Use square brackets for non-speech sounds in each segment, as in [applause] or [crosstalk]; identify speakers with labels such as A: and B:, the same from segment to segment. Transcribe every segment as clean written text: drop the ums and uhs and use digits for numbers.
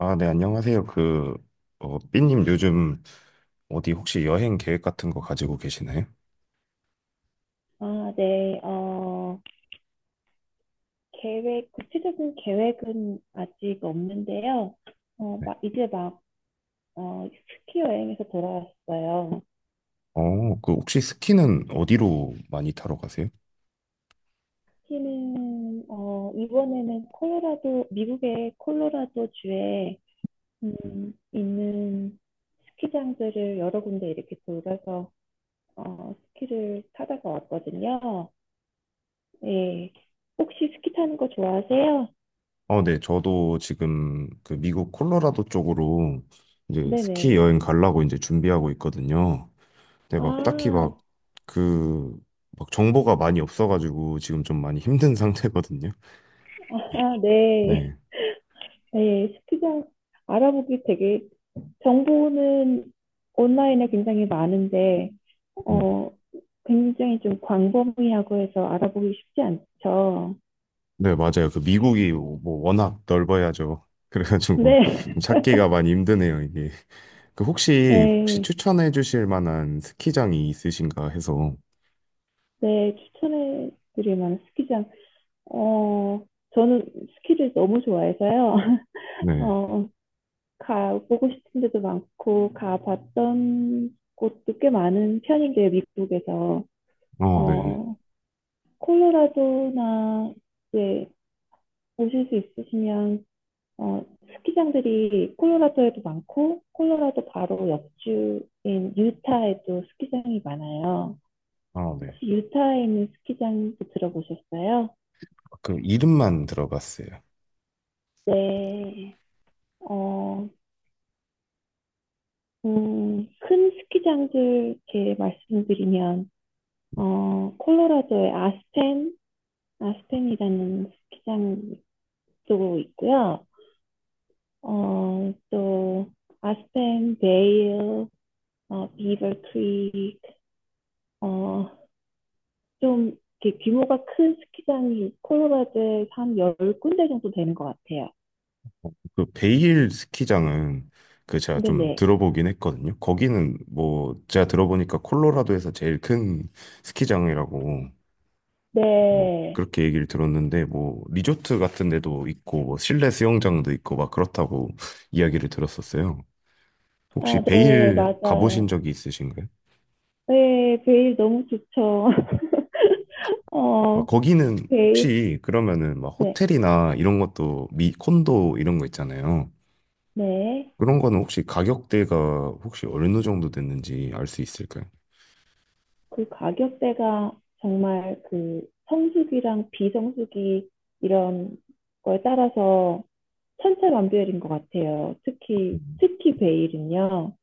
A: 아, 네, 안녕하세요. 그, 어, 삐님 요즘 어디 혹시 여행 계획 같은 거 가지고 계시나요?
B: 아, 네. 구체적인 계획은 아직 없는데요. 어,
A: 네.
B: 막, 이제 막, 스키 여행에서 돌아왔어요.
A: 어, 그 혹시 스키는 어디로 많이 타러 가세요?
B: 스키는, 이번에는 콜로라도, 미국의 콜로라도 주에, 있는 스키장들을 여러 군데 이렇게 돌아서, 스키를 타다가 왔거든요. 예. 혹시 스키 타는 거 좋아하세요?
A: 어, 네, 저도 지금 그 미국 콜로라도 쪽으로 이제 스키
B: 네네.
A: 여행 가려고 이제 준비하고 있거든요. 근데 막 딱히
B: 아,
A: 막 그, 막 정보가 많이 없어가지고 지금 좀 많이 힘든 [laughs] 상태거든요.
B: 아, 네.
A: 네.
B: 네, 스키장 알아보기 되게 정보는 온라인에 굉장히 많은데
A: 네,
B: 어 굉장히 좀 광범위하고 해서 알아보기 쉽지 않죠.
A: 네, 맞아요. 그 미국이 뭐 워낙 넓어야죠. [laughs] 그래가지고
B: 네,
A: 좀
B: [laughs]
A: 찾기가 많이 힘드네요, 이게. 그 혹시
B: 네,
A: 추천해 주실 만한 스키장이 있으신가 해서.
B: 네 추천해 드릴 만한 스키장. 어 저는 스키를 너무 좋아해서요. [laughs]
A: 네.
B: 어 가보고 싶은 데도 많고 가봤던 곳도 꽤 많은 편인데요, 미국에서.
A: 어, 네네.
B: 어 콜로라도나 이제 오실 수 있으시면 어, 스키장들이 콜로라도에도 많고 콜로라도 바로 옆주인 유타에도 스키장이 많아요.
A: 아, 네.
B: 혹시 유타에 있는 스키장도 들어보셨어요?
A: 그 이름만 들어봤어요.
B: 네. 어, 큰 스키장들 이렇게 말씀드리면 콜로라도의 아스펜, 아스펜이라는 스키장도 있고요. 또 아스펜, 베일, 비버 크릭 어, 좀 이렇게 규모가 큰 스키장이 콜로라도에서 한 열 군데 정도 되는 것 같아요.
A: 그 베일 스키장은 그 제가
B: 근데
A: 좀
B: 네.
A: 들어보긴 했거든요. 거기는 뭐 제가 들어보니까 콜로라도에서 제일 큰 스키장이라고 뭐
B: 네.
A: 그렇게 얘기를 들었는데, 뭐 리조트 같은 데도 있고 뭐 실내 수영장도 있고 막 그렇다고 [laughs] 이야기를 들었었어요. 혹시
B: 아, 네,
A: 베일 가보신
B: 맞아요.
A: 적이 있으신가요?
B: 네, 베일 너무 좋죠. [laughs]
A: 어,
B: 어,
A: 거기는
B: 베일.
A: 혹시 그러면은 막
B: 네.
A: 호텔이나 이런 것도 미 콘도 이런 거 있잖아요.
B: 네.
A: 그런 거는 혹시 가격대가 혹시 어느 정도 됐는지 알 수 있을까요?
B: 그 가격대가 정말 그 성수기랑 비성수기 이런 거에 따라서 천차만별인 것 같아요. 특히
A: 음.
B: 특히 베일은요.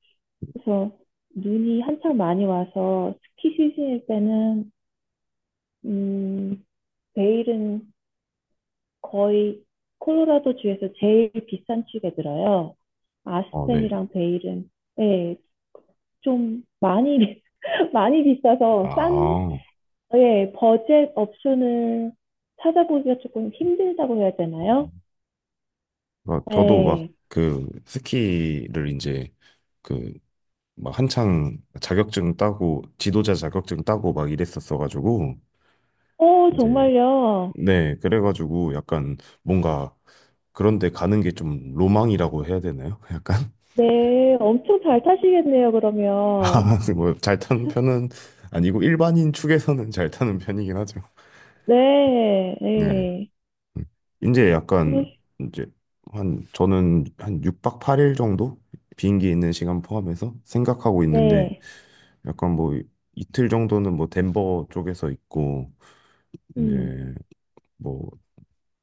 B: 그래서 눈이 한창 많이 와서 스키 시즌일 때는 음, 베일은 거의 콜로라도 주에서 제일 비싼 축에 들어요.
A: 어, 네.
B: 아스펜이랑 베일은 예, 좀 많이 [laughs] 많이 비싸서 싼
A: 아,
B: 예, 버젯 옵션을 찾아보기가 조금 힘들다고 해야 되나요?
A: 그러니까 저도 막
B: 네.
A: 그 스키를 이제 그 막 한창 자격증 따고 지도자 자격증 따고 막 이랬었어가지고 이제.
B: 정말요.
A: 네, 그래가지고 약간 뭔가 그런데 가는 게 좀 로망이라고 해야 되나요? [laughs] 약간.
B: 네, 엄청 잘 타시겠네요,
A: 아,
B: 그러면.
A: [laughs] 뭐, 잘 타는 편은 아니고, 일반인 축에서는 잘 타는 편이긴 하죠.
B: 네,
A: 네.
B: 네.
A: 음. 이제 약간,
B: 그러,
A: 이제, 한, 저는 한 6박 8일 정도? 비행기 있는 시간 포함해서 생각하고 있는데,
B: 네.
A: 약간 뭐, 이틀 정도는 뭐, 덴버 쪽에서 있고,
B: 음.
A: 이제, 뭐,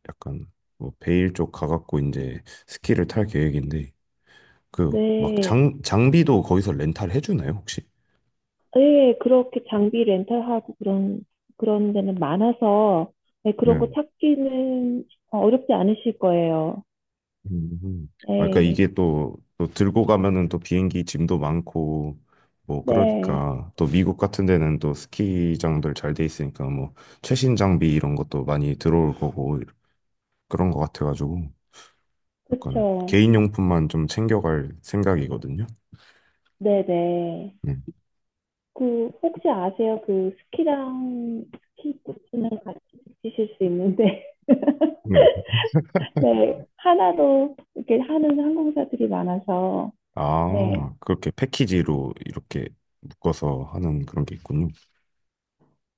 A: 약간, 뭐, 베일 쪽 가갖고, 이제, 스키를 탈 계획인데, 그, 막,
B: 네.
A: 장비도 거기서 렌탈 해주나요, 혹시?
B: 예, 그렇게 장비 렌탈하고 그런 데는 많아서, 네, 그런
A: 네.
B: 거 찾기는 어렵지 않으실 거예요.
A: 음. 아, 그러니까
B: 네.
A: 이게 또, 또 들고 가면은 또 비행기 짐도 많고, 뭐,
B: 네,
A: 그러니까 또 미국 같은 데는 또 스키장들 잘 돼 있으니까 뭐, 최신 장비 이런 것도 많이 들어올 거고, 그런 거 같아가지고, 약간
B: 그쵸.
A: 개인용품만 좀 챙겨갈 생각이거든요.
B: 네네.
A: 음.
B: 그, 혹시 아세요? 그, 스키랑 스키 부츠는 같이 붙이실 수 있는데,
A: 네.
B: [laughs] 네, 하나로 이렇게 하는 항공사들이 많아서, 네.
A: 아, 그렇게 패키지로 이렇게 묶어서 하는 그런 게 있군요.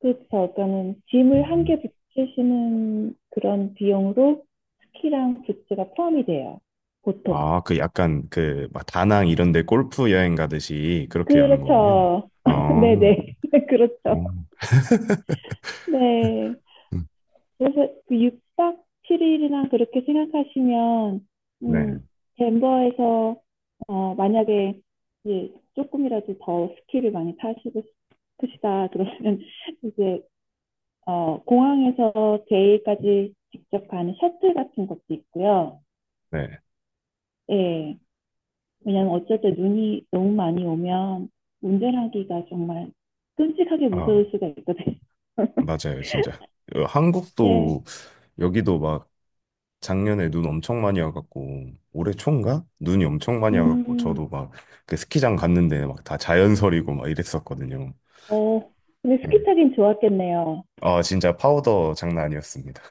B: 그렇죠. 그러니까는 짐을 한
A: 음.
B: 개 붙이시는 그런 비용으로 스키랑 부츠가 포함이 돼요. 보통.
A: 아, 그 약간 그, 막 다낭 이런 데 골프 여행 가듯이 그렇게 하는 거군요.
B: 그렇죠. [laughs]
A: 어.
B: 네네. [laughs] 그렇죠.
A: 어,
B: 네.
A: 음,
B: 그래서 그 6박 7일이나 그렇게 생각하시면,
A: 네,
B: 음, 덴버에서, 만약에, 예, 조금이라도 더 스키를 많이 타시고 싶으시다. 그러면 [laughs] 이제, 공항에서 제일까지 직접 가는 셔틀 같은 것도 있고요.
A: 네.
B: 예. 왜냐면 어쨌든 눈이 너무 많이 오면 운전하기가 정말 끔찍하게
A: 아,
B: 무서울 수가 있거든요. [laughs]
A: 맞아요, 진짜. 어,
B: 네.
A: 한국도 여기도 막 작년에 눈 엄청 많이 와갖고 올해 초인가? 눈이 엄청 많이 와갖고
B: 음,
A: 저도 그 스키장 갔는데 막 다 자연설이고 막 이랬었거든요.
B: 어, 근데 스키
A: 네.
B: 타긴 좋았겠네요.
A: 아, 진짜 파우더 장난 아니었습니다.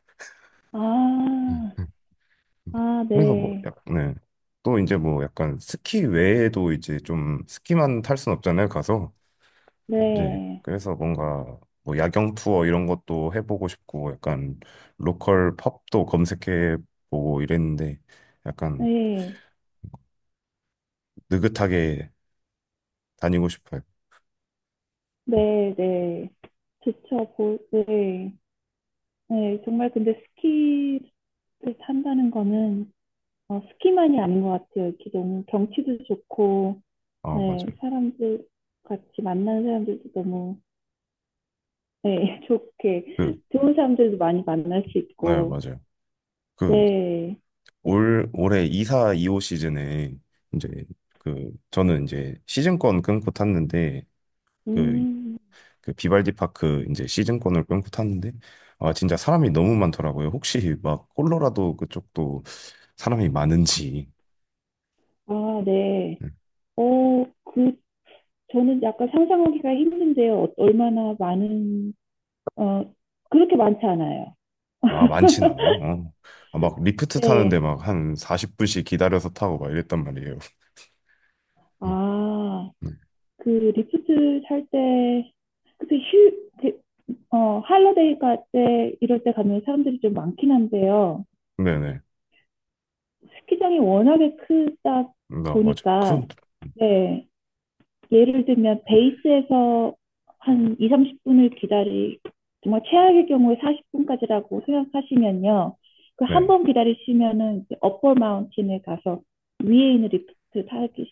A: 음,
B: 아,
A: 음, 음.
B: 아,
A: 그래서 뭐
B: 네.
A: 네. 또 이제 뭐 약간 스키 외에도 이제 좀 스키만 탈 순 없잖아요, 가서. 네.
B: 네.
A: 그래서 뭔가 뭐 야경 투어 이런 것도 해보고 싶고 약간 로컬 펍도 검색해 보고 이랬는데 약간
B: 네.
A: 느긋하게 다니고 싶어요.
B: 네, 네. 좋죠. 네. 네. 정말 근데 스키를 탄다는 거는 스키만이 아닌 것 같아요. 이렇게 너무 경치도 좋고,
A: 아,
B: 네,
A: 맞아요.
B: 사람들 같이 만나는 사람들도 너무, 네, [laughs] 좋게,
A: 그,
B: 좋은 사람들도 많이 만날 수
A: 네,
B: 있고,
A: 맞아요. 그
B: 네,
A: 올해 2사 2호 시즌에 이제 그 저는 이제 시즌권 끊고 탔는데 그,
B: 음,
A: 그 비발디 파크 이제 시즌권을 끊고 탔는데 아, 진짜 사람이 너무 많더라고요. 혹시 막 콜로라도 그쪽도 사람이 많은지.
B: 아, 네.
A: 음.
B: 그, 저는 약간 상상하기가 힘든데요. 얼마나 많은, 어, 그렇게 많지 않아요.
A: 아, 많진 않아요. 어. 아, 막 리프트 타는데
B: 네,
A: 막 한 40분씩 기다려서 타고 막 이랬단 말이에요. 음,
B: 아,
A: 네.
B: 그 리프트 탈 때, 그때 그 할러데이 갈 때, 이럴 때 가면 사람들이 좀 많긴 한데요.
A: 네네.
B: 스키장이 워낙에 크다
A: 나 맞아.
B: 보니까,
A: 큰,
B: 네, 예를 들면 베이스에서 한 2, 30분을 정말 최악의 경우에 40분까지라고 생각하시면요. 그 한
A: 네.
B: 번 기다리시면은 이제 업버 마운틴에 가서 위에 있는 리프트 타기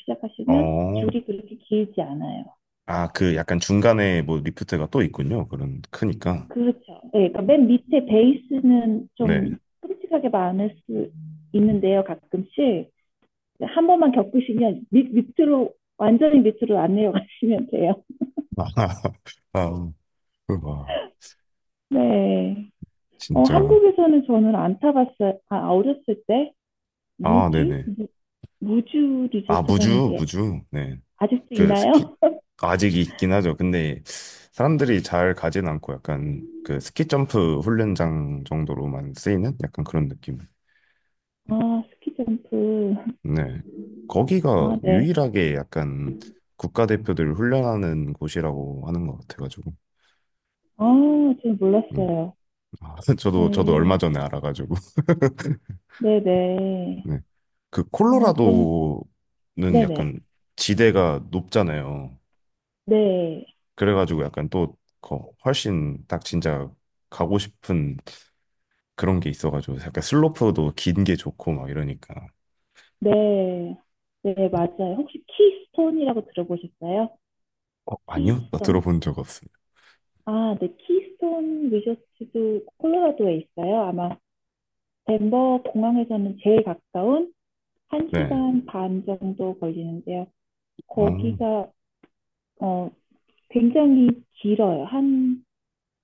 B: 시작하시면
A: 어.
B: 줄이 그렇게 길지 않아요.
A: 아, 그 약간 중간에 뭐 리프트가 또 있군요. 그런 크니까.
B: 그렇죠. 네, 그러니까 맨 밑에 베이스는 좀
A: 네.
B: 끔찍하게 많을 수
A: 음.
B: 있는데요, 가끔씩. 한 번만 겪으시면 밑으로, 완전히 밑으로 안 내려가시면 돼요.
A: [laughs] 아, 그 와,
B: 네.
A: 진짜.
B: 한국에서는 저는 안 타봤어요. 아, 어렸을 때
A: 아,
B: 무주?
A: 네네.
B: 무주
A: 아,
B: 리조트라는
A: 무주,
B: 게
A: 무주. 네.
B: 아직도
A: 그 스키,
B: 있나요? [laughs]
A: 아직 있긴 하죠. 근데 사람들이 잘 가진 않고 약간 그 스키 점프 훈련장 정도로만 쓰이는 약간 그런 느낌.
B: 아, 스키 점프.
A: 네. 거기가
B: 아, 네.
A: 유일하게 약간 국가대표들 훈련하는 곳이라고 하는 것 같아가지고.
B: 아, 저는
A: 네.
B: 몰랐어요.
A: 아, [laughs] 저도 얼마
B: 네.
A: 전에 알아가지고. [laughs]
B: 네네.
A: 네. 그
B: 아, 저는,
A: 콜로라도는
B: 네네.
A: 약간 지대가 높잖아요.
B: 네.
A: 그래가지고 약간 또 훨씬 딱 진짜 가고 싶은 그런 게 있어가지고 약간 슬로프도 긴 게 좋고 막 이러니까.
B: 네. 네, 맞아요. 혹시 키스톤이라고 들어보셨어요?
A: 어, 아니요? 나
B: 키스톤?
A: 들어본 적 없어요.
B: 아, 네. 키스톤 리조트도 콜로라도에 있어요. 아마 덴버 공항에서는 제일 가까운
A: 네.
B: 1시간 반 정도 걸리는데요.
A: 어,
B: 거기가 어, 굉장히 길어요. 한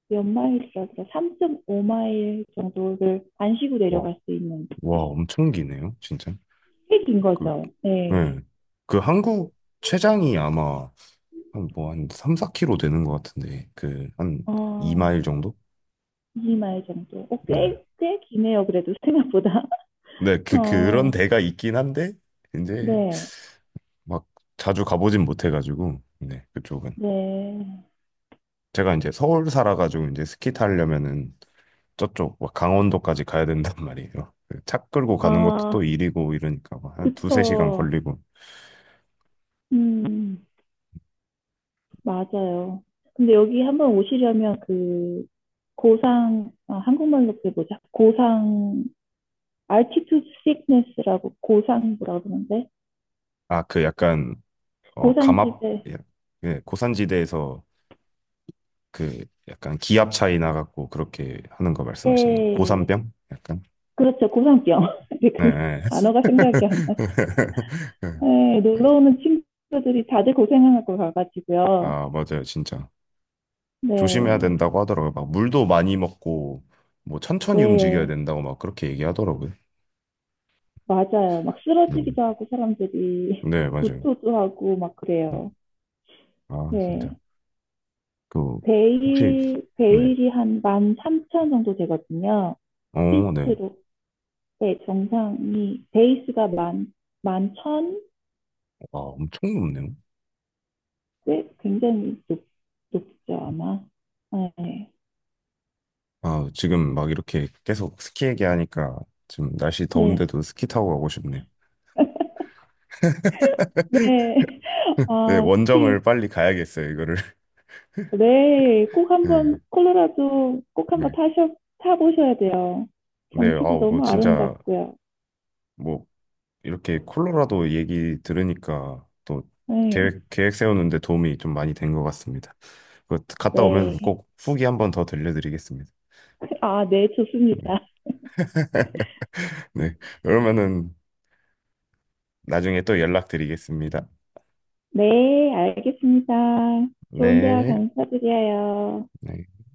B: 몇 마일이라 그래요. 3.5마일 정도를 안 쉬고
A: 와,
B: 내려갈 수 있는
A: 와, 엄청 기네요, 진짜.
B: 꽤 긴
A: 그.
B: 거죠. 네.
A: 네. 그 한국 최장이 아마 한 뭐 한 3, 4km 되는 것 같은데 그 한
B: 어,
A: 2마일 정도?
B: 2마일 정도.
A: 네.
B: 꽤, 꽤 기네요. 그래도 생각보다.
A: 네, 그 그런
B: 어,
A: 데가 있긴 한데 이제
B: 네,
A: 막 자주 가보진 못해가지고 네 그쪽은
B: 네.
A: 제가 이제 서울 살아가지고 이제 스키 타려면은 저쪽 막 강원도까지 가야 된단 [laughs] 말이에요. 그차 끌고 가는 것도 또
B: 아,
A: 일이고 이러니까 막한 두세 시간
B: 그쵸.
A: 걸리고.
B: 음, 맞아요. 근데 여기 한번 오시려면 그 고상, 아, 한국말로 그게 뭐지? 고상, altitude sickness라고 고상 뭐라 그러는데?
A: 아 그 약간 어 감압
B: 고산지대.
A: 예, 예, 고산지대에서 그 약간 기압 차이 나갖고 그렇게 하는 거 말씀하시는 거예요?
B: 예,
A: 고산병? 약간?
B: 그렇죠. 고산병. [laughs] 근데 그
A: 네. 네.
B: 단어가 생각이 안 나.
A: [laughs]
B: 네, 놀러 오는 친구들이 다들 고생하고 가가지고요.
A: 아 아, 맞아요. 진짜. 조심해야
B: 네,
A: 된다고 하더라고요. 막 물도 많이 먹고 뭐 천천히 움직여야
B: 네.
A: 된다고 막 그렇게 얘기하더라고요.
B: 맞아요. 막
A: 음.
B: 쓰러지기도 하고 사람들이
A: 네,
B: [laughs]
A: 맞아요.
B: 구토도 하고 막
A: 음.
B: 그래요.
A: 아,
B: 네.
A: 진짜. 그 혹시. 네.
B: 베일이 한만3천 정도 되거든요.
A: 어, 네.
B: 피트로. 네, 베이스가 만, 만 천?
A: 와, 엄청 높네요.
B: 네. 꽤 굉장히 높죠, 아마. 네.
A: 아, 지금 막 이렇게 계속 스키 얘기하니까 지금 날씨
B: 네.
A: 더운데도 스키 타고 가고 싶네요.
B: 네. [laughs]
A: 네,
B: 아,
A: 원정을
B: 스키.
A: 빨리 가야겠어요, 이거를.
B: 네. 꼭
A: 네,
B: 한번, 콜로라도 꼭 한번
A: 네.
B: 타보셔야 돼요.
A: 네,
B: 경치도
A: 아우, 뭐,
B: 너무
A: 진짜,
B: 아름답고요.
A: 뭐, 이렇게 콜로라도 얘기 들으니까 또
B: 네.
A: 계획, 계획 세우는데 도움이 좀 많이 된 것 같습니다. 그 갔다 오면
B: 네.
A: 꼭 후기 한번 더 들려드리겠습니다.
B: 아, 네,
A: 네.
B: 좋습니다.
A: 네. 그러면은 나중에 또 연락드리겠습니다.
B: 네, 알겠습니다. 좋은 대화
A: 네.
B: 감사드려요.
A: 네.